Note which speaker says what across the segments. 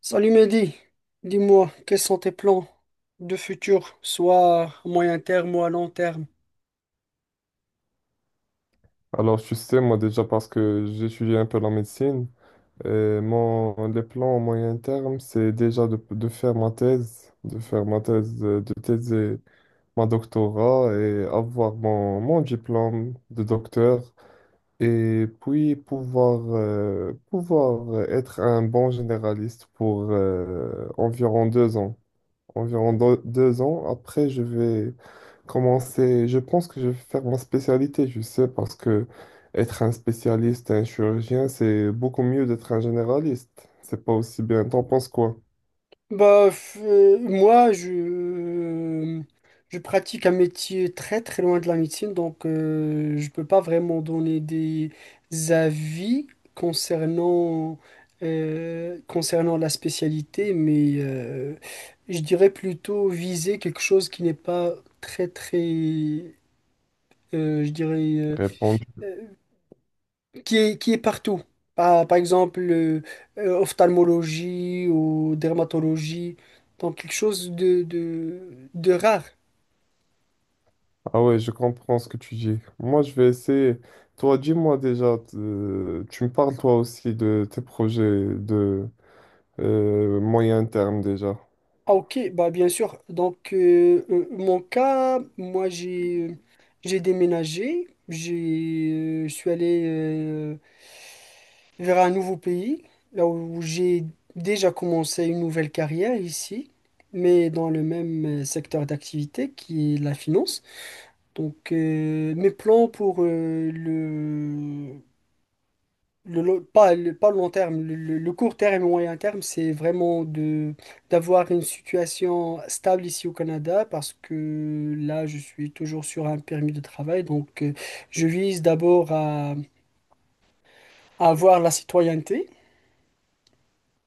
Speaker 1: Salut Mehdi, dis-moi, quels sont tes plans de futur, soit à moyen terme ou à long terme?
Speaker 2: Alors, tu sais, moi déjà parce que j'étudie un peu la médecine, et mon, les plans au moyen terme, c'est déjà de faire ma thèse, de thèser ma doctorat et avoir mon diplôme de docteur et puis pouvoir être un bon généraliste pour environ deux ans. Après, je vais commencer. Je pense que je vais faire ma spécialité, je sais, parce que être un spécialiste, un chirurgien, c'est beaucoup mieux d'être un généraliste. C'est pas aussi bien. T'en penses quoi?
Speaker 1: Bah, moi, je pratique un métier très très loin de la médecine, donc je peux pas vraiment donner des avis concernant, concernant la spécialité, mais je dirais plutôt viser quelque chose qui n'est pas très très, je dirais...
Speaker 2: Répondre.
Speaker 1: euh, qui est partout. Ah, par exemple, ophtalmologie ou dermatologie. Donc, quelque chose de rare.
Speaker 2: Ah ouais, je comprends ce que tu dis. Moi, je vais essayer. Toi, dis-moi déjà, tu me parles toi aussi de tes projets de moyen terme déjà.
Speaker 1: Ah, ok, bah, bien sûr. Donc, mon cas, j'ai déménagé. J'ai, je suis allé vers un nouveau pays, là où j'ai déjà commencé une nouvelle carrière ici, mais dans le même secteur d'activité qui est la finance. Donc, mes plans pour le, lo- pas, le, pas le long terme, le court terme et le moyen terme, c'est vraiment de d'avoir une situation stable ici au Canada parce que là, je suis toujours sur un permis de travail. Donc, je vise d'abord à avoir la citoyenneté.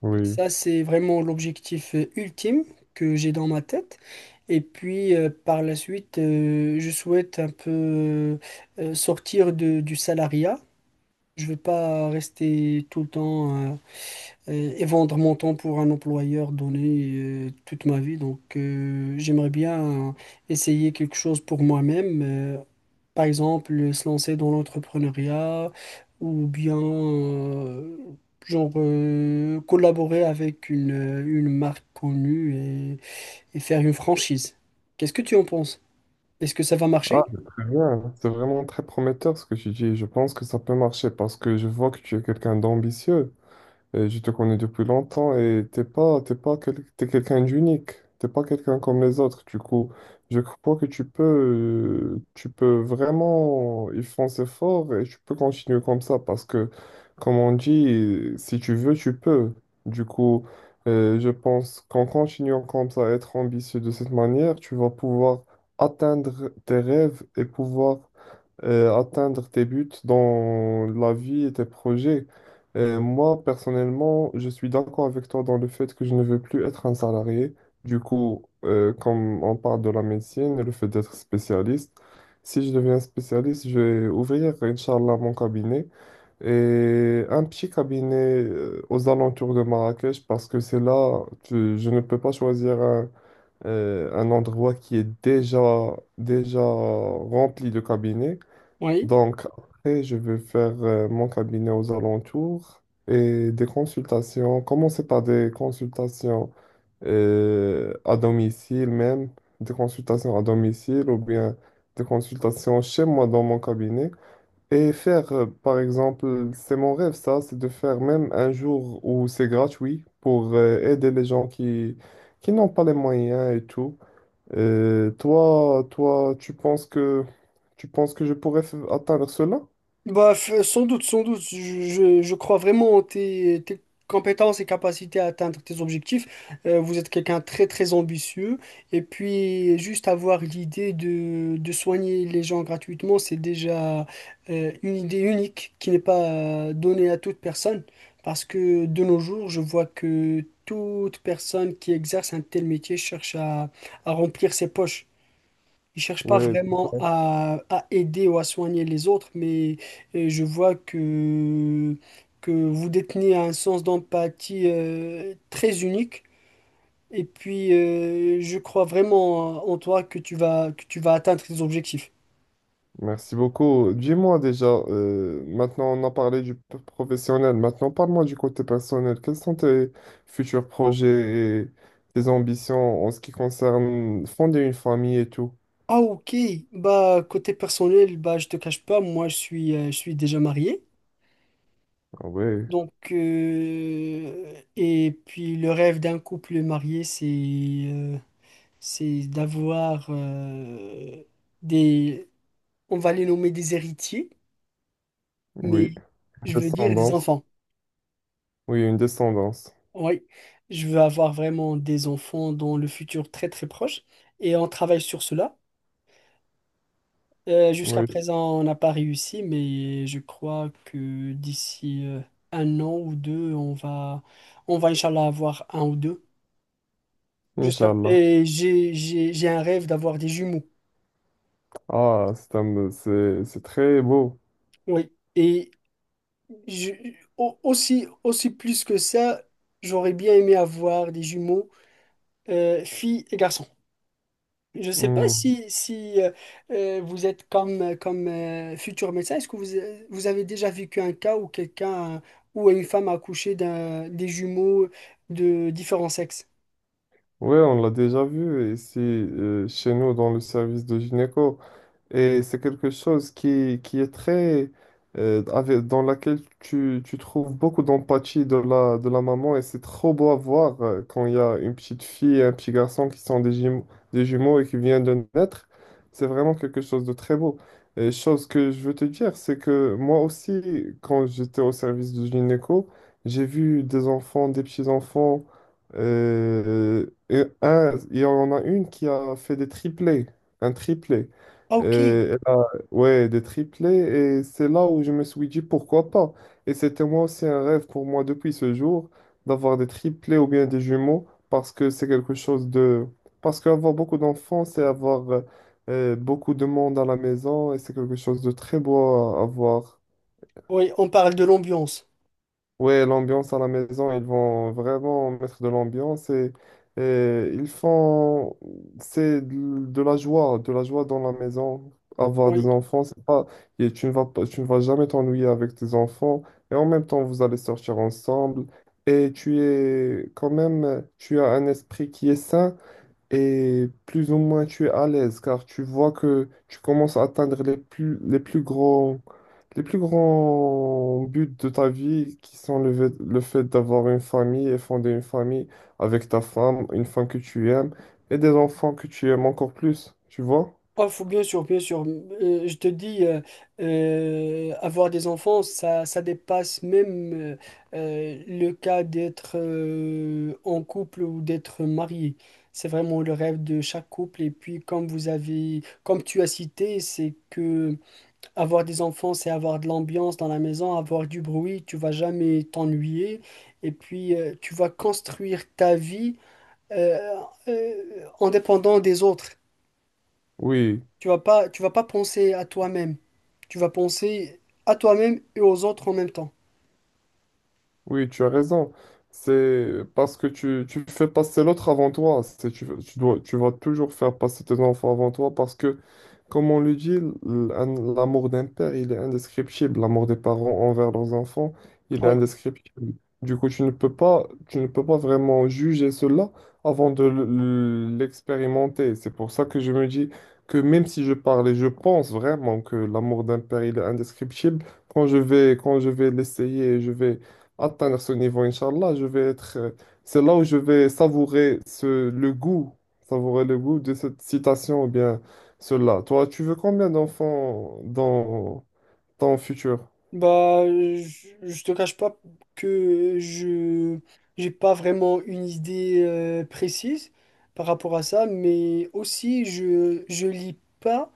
Speaker 2: Oui.
Speaker 1: Ça, c'est vraiment l'objectif ultime que j'ai dans ma tête. Et puis, par la suite, je souhaite un peu sortir du salariat. Je vais pas rester tout le temps et vendre mon temps pour un employeur donné toute ma vie. Donc, j'aimerais bien essayer quelque chose pour moi-même. Par exemple, se lancer dans l'entrepreneuriat ou bien, collaborer avec une marque connue et, et faire une franchise. Qu'est-ce que tu en penses? Est-ce que ça va
Speaker 2: Ah,
Speaker 1: marcher?
Speaker 2: c'est très bien. C'est vraiment très prometteur ce que tu dis. Je pense que ça peut marcher parce que je vois que tu es quelqu'un d'ambitieux. Et je te connais depuis longtemps et t'es pas quel- t'es quelqu'un d'unique. T'es pas quelqu'un comme les autres. Du coup, je crois que tu peux vraiment y foncer fort et tu peux continuer comme ça parce que, comme on dit, si tu veux, tu peux. Du coup, je pense qu'en continuant comme ça, être ambitieux de cette manière, tu vas pouvoir atteindre tes rêves et pouvoir atteindre tes buts dans la vie et tes projets. Moi, personnellement, je suis d'accord avec toi dans le fait que je ne veux plus être un salarié. Du coup, comme on parle de la médecine et le fait d'être spécialiste, si je deviens spécialiste, je vais ouvrir, Inch'Allah, mon cabinet et un petit cabinet aux alentours de Marrakech parce que c'est là, je ne peux pas choisir un endroit qui est déjà rempli de cabinets.
Speaker 1: Oui.
Speaker 2: Donc, après, je vais faire mon cabinet aux alentours et des consultations. Commencer par des consultations à domicile même, des consultations à domicile ou bien des consultations chez moi dans mon cabinet. Et par exemple, c'est mon rêve ça, c'est de faire même un jour où c'est gratuit pour aider les gens qui n'ont pas les moyens et tout. Et toi, tu penses que je pourrais atteindre cela?
Speaker 1: Bah, sans doute, sans doute. Je crois vraiment en tes compétences et capacités à atteindre tes objectifs. Vous êtes quelqu'un de très, très ambitieux. Et puis, juste avoir l'idée de soigner les gens gratuitement, c'est déjà une idée unique qui n'est pas donnée à toute personne. Parce que de nos jours, je vois que toute personne qui exerce un tel métier cherche à remplir ses poches. Ils cherchent pas
Speaker 2: Oui,
Speaker 1: vraiment à aider ou à soigner les autres, mais je vois que vous détenez un sens d'empathie très unique. Et puis, je crois vraiment en toi que tu vas atteindre tes objectifs.
Speaker 2: merci beaucoup. Dis-moi déjà, maintenant on a parlé du professionnel, maintenant parle-moi du côté personnel. Quels sont tes futurs projets et tes ambitions en ce qui concerne fonder une famille et tout?
Speaker 1: Ah, ok. Bah, côté personnel, bah, je te cache pas, moi, je suis déjà marié.
Speaker 2: Ah ouais,
Speaker 1: Donc, et puis, le rêve d'un couple marié, euh, c'est d'avoir des, on va les nommer des héritiers, mais
Speaker 2: oui,
Speaker 1: je veux dire des
Speaker 2: descendance.
Speaker 1: enfants.
Speaker 2: Oui, une descendance.
Speaker 1: Oui, je veux avoir vraiment des enfants dans le futur très très proche et on travaille sur cela. Jusqu'à
Speaker 2: Oui,
Speaker 1: présent, on n'a pas réussi, mais je crois que d'ici un an ou deux, on va Inch'Allah avoir un ou deux. J'espère.
Speaker 2: Inch'Allah.
Speaker 1: Et j'ai un rêve d'avoir des jumeaux.
Speaker 2: Ah, c'est très beau.
Speaker 1: Oui. Et Je- aussi, aussi plus que ça, j'aurais bien aimé avoir des jumeaux, filles et garçons. Je ne sais pas
Speaker 2: Hmm.
Speaker 1: si vous êtes comme futur médecin, est-ce que vous avez déjà vécu un cas où quelqu'un ou une femme a accouché des jumeaux de différents sexes?
Speaker 2: Ouais, on l'a déjà vu ici chez nous dans le service de gynéco. Et c'est quelque chose qui est très... dans laquelle tu trouves beaucoup d'empathie de la maman et c'est trop beau à voir quand il y a une petite fille et un petit garçon qui sont des des jumeaux et qui viennent de naître. C'est vraiment quelque chose de très beau. Et chose que je veux te dire, c'est que moi aussi, quand j'étais au service du gynéco, j'ai vu des enfants, des petits-enfants. euh, et il y en a une qui a fait des triplés, un triplé.
Speaker 1: Ah,
Speaker 2: Et
Speaker 1: ok.
Speaker 2: ouais, des triplés. Et c'est là où je me suis dit pourquoi pas. Et c'était moi aussi un rêve pour moi depuis ce jour d'avoir des triplés ou bien des jumeaux parce que c'est quelque chose de. Parce qu'avoir beaucoup d'enfants, c'est avoir beaucoup de monde à la maison et c'est quelque chose de très beau à avoir.
Speaker 1: Oui, on parle de l'ambiance.
Speaker 2: Ouais, l'ambiance à la maison, ils vont vraiment mettre de l'ambiance et ils font, c'est de la joie, de la joie dans la maison. Avoir des
Speaker 1: Oui.
Speaker 2: enfants, c'est pas, et tu ne vas pas, tu ne vas jamais t'ennuyer avec tes enfants et en même temps, vous allez sortir ensemble et tu es quand même, tu as un esprit qui est sain et plus ou moins tu es à l'aise car tu vois que tu commences à atteindre les plus les plus grands buts de ta vie qui sont le fait d'avoir une famille et fonder une famille avec ta femme, une femme que tu aimes et des enfants que tu aimes encore plus, tu vois?
Speaker 1: Oh, faut bien sûr, bien sûr. Je te dis, avoir des enfants, ça dépasse même le cas d'être en couple ou d'être marié. C'est vraiment le rêve de chaque couple. Et puis, comme vous avez, comme tu as cité, c'est que avoir des enfants, c'est avoir de l'ambiance dans la maison, avoir du bruit. Tu vas jamais t'ennuyer. Et puis, tu vas construire ta vie euh, euh, en dépendant des autres.
Speaker 2: Oui.
Speaker 1: Tu vas pas penser à toi-même. Tu vas penser à toi-même et aux autres en même temps.
Speaker 2: Oui, tu as raison. C'est parce que tu fais passer l'autre avant toi. C'est, tu dois, Tu vas toujours faire passer tes enfants avant toi parce que, comme on le dit, l'amour d'un père, il est indescriptible. L'amour des parents envers leurs enfants, il est
Speaker 1: Ouais.
Speaker 2: indescriptible. Du coup, tu ne peux pas vraiment juger cela avant de l'expérimenter. C'est pour ça que je me dis que même si je parle et je pense vraiment que l'amour d'un père, il est indescriptible, quand je vais l'essayer, je vais atteindre ce niveau, Inch'Allah, je vais être. C'est là où je vais savourer le goût, savourer le goût de cette citation ou bien cela. Toi, tu veux combien d'enfants dans ton futur?
Speaker 1: Bah, je te cache pas que je j'ai pas vraiment une idée précise par rapport à ça, mais aussi je lis pas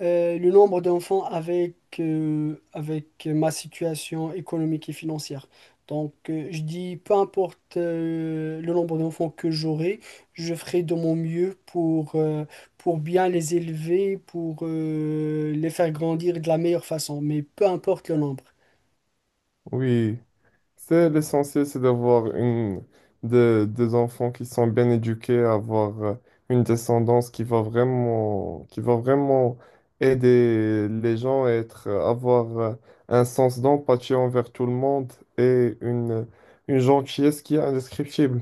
Speaker 1: le nombre d'enfants avec avec ma situation économique et financière. Donc, je dis peu importe le nombre d'enfants que j'aurai, je ferai de mon mieux pour bien les élever, pour les faire grandir de la meilleure façon, mais peu importe le nombre.
Speaker 2: Oui. C'est l'essentiel, c'est des enfants qui sont bien éduqués, avoir une descendance qui va qui va vraiment aider les gens à avoir un sens d'empathie envers tout le monde et une gentillesse qui est indescriptible.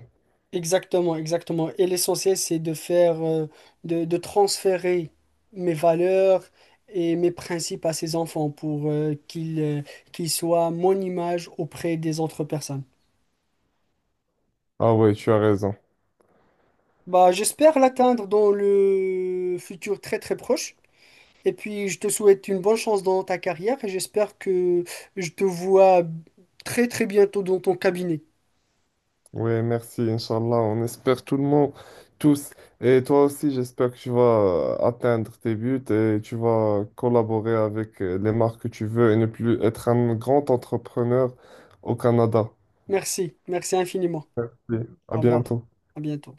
Speaker 1: Exactement, exactement. Et l'essentiel, c'est de faire, de transférer mes valeurs et mes principes à ces enfants pour qu'ils soient mon image auprès des autres personnes.
Speaker 2: Ah oui, tu as raison.
Speaker 1: Bah, j'espère l'atteindre dans le futur très très proche. Et puis, je te souhaite une bonne chance dans ta carrière et j'espère que je te vois très très bientôt dans ton cabinet.
Speaker 2: Oui, merci, Inch'Allah. On espère tout le monde, tous. Et toi aussi, j'espère que tu vas atteindre tes buts et tu vas collaborer avec les marques que tu veux et ne plus être un grand entrepreneur au Canada.
Speaker 1: Merci, merci infiniment.
Speaker 2: Merci. À
Speaker 1: Au revoir,
Speaker 2: bientôt.
Speaker 1: à bientôt.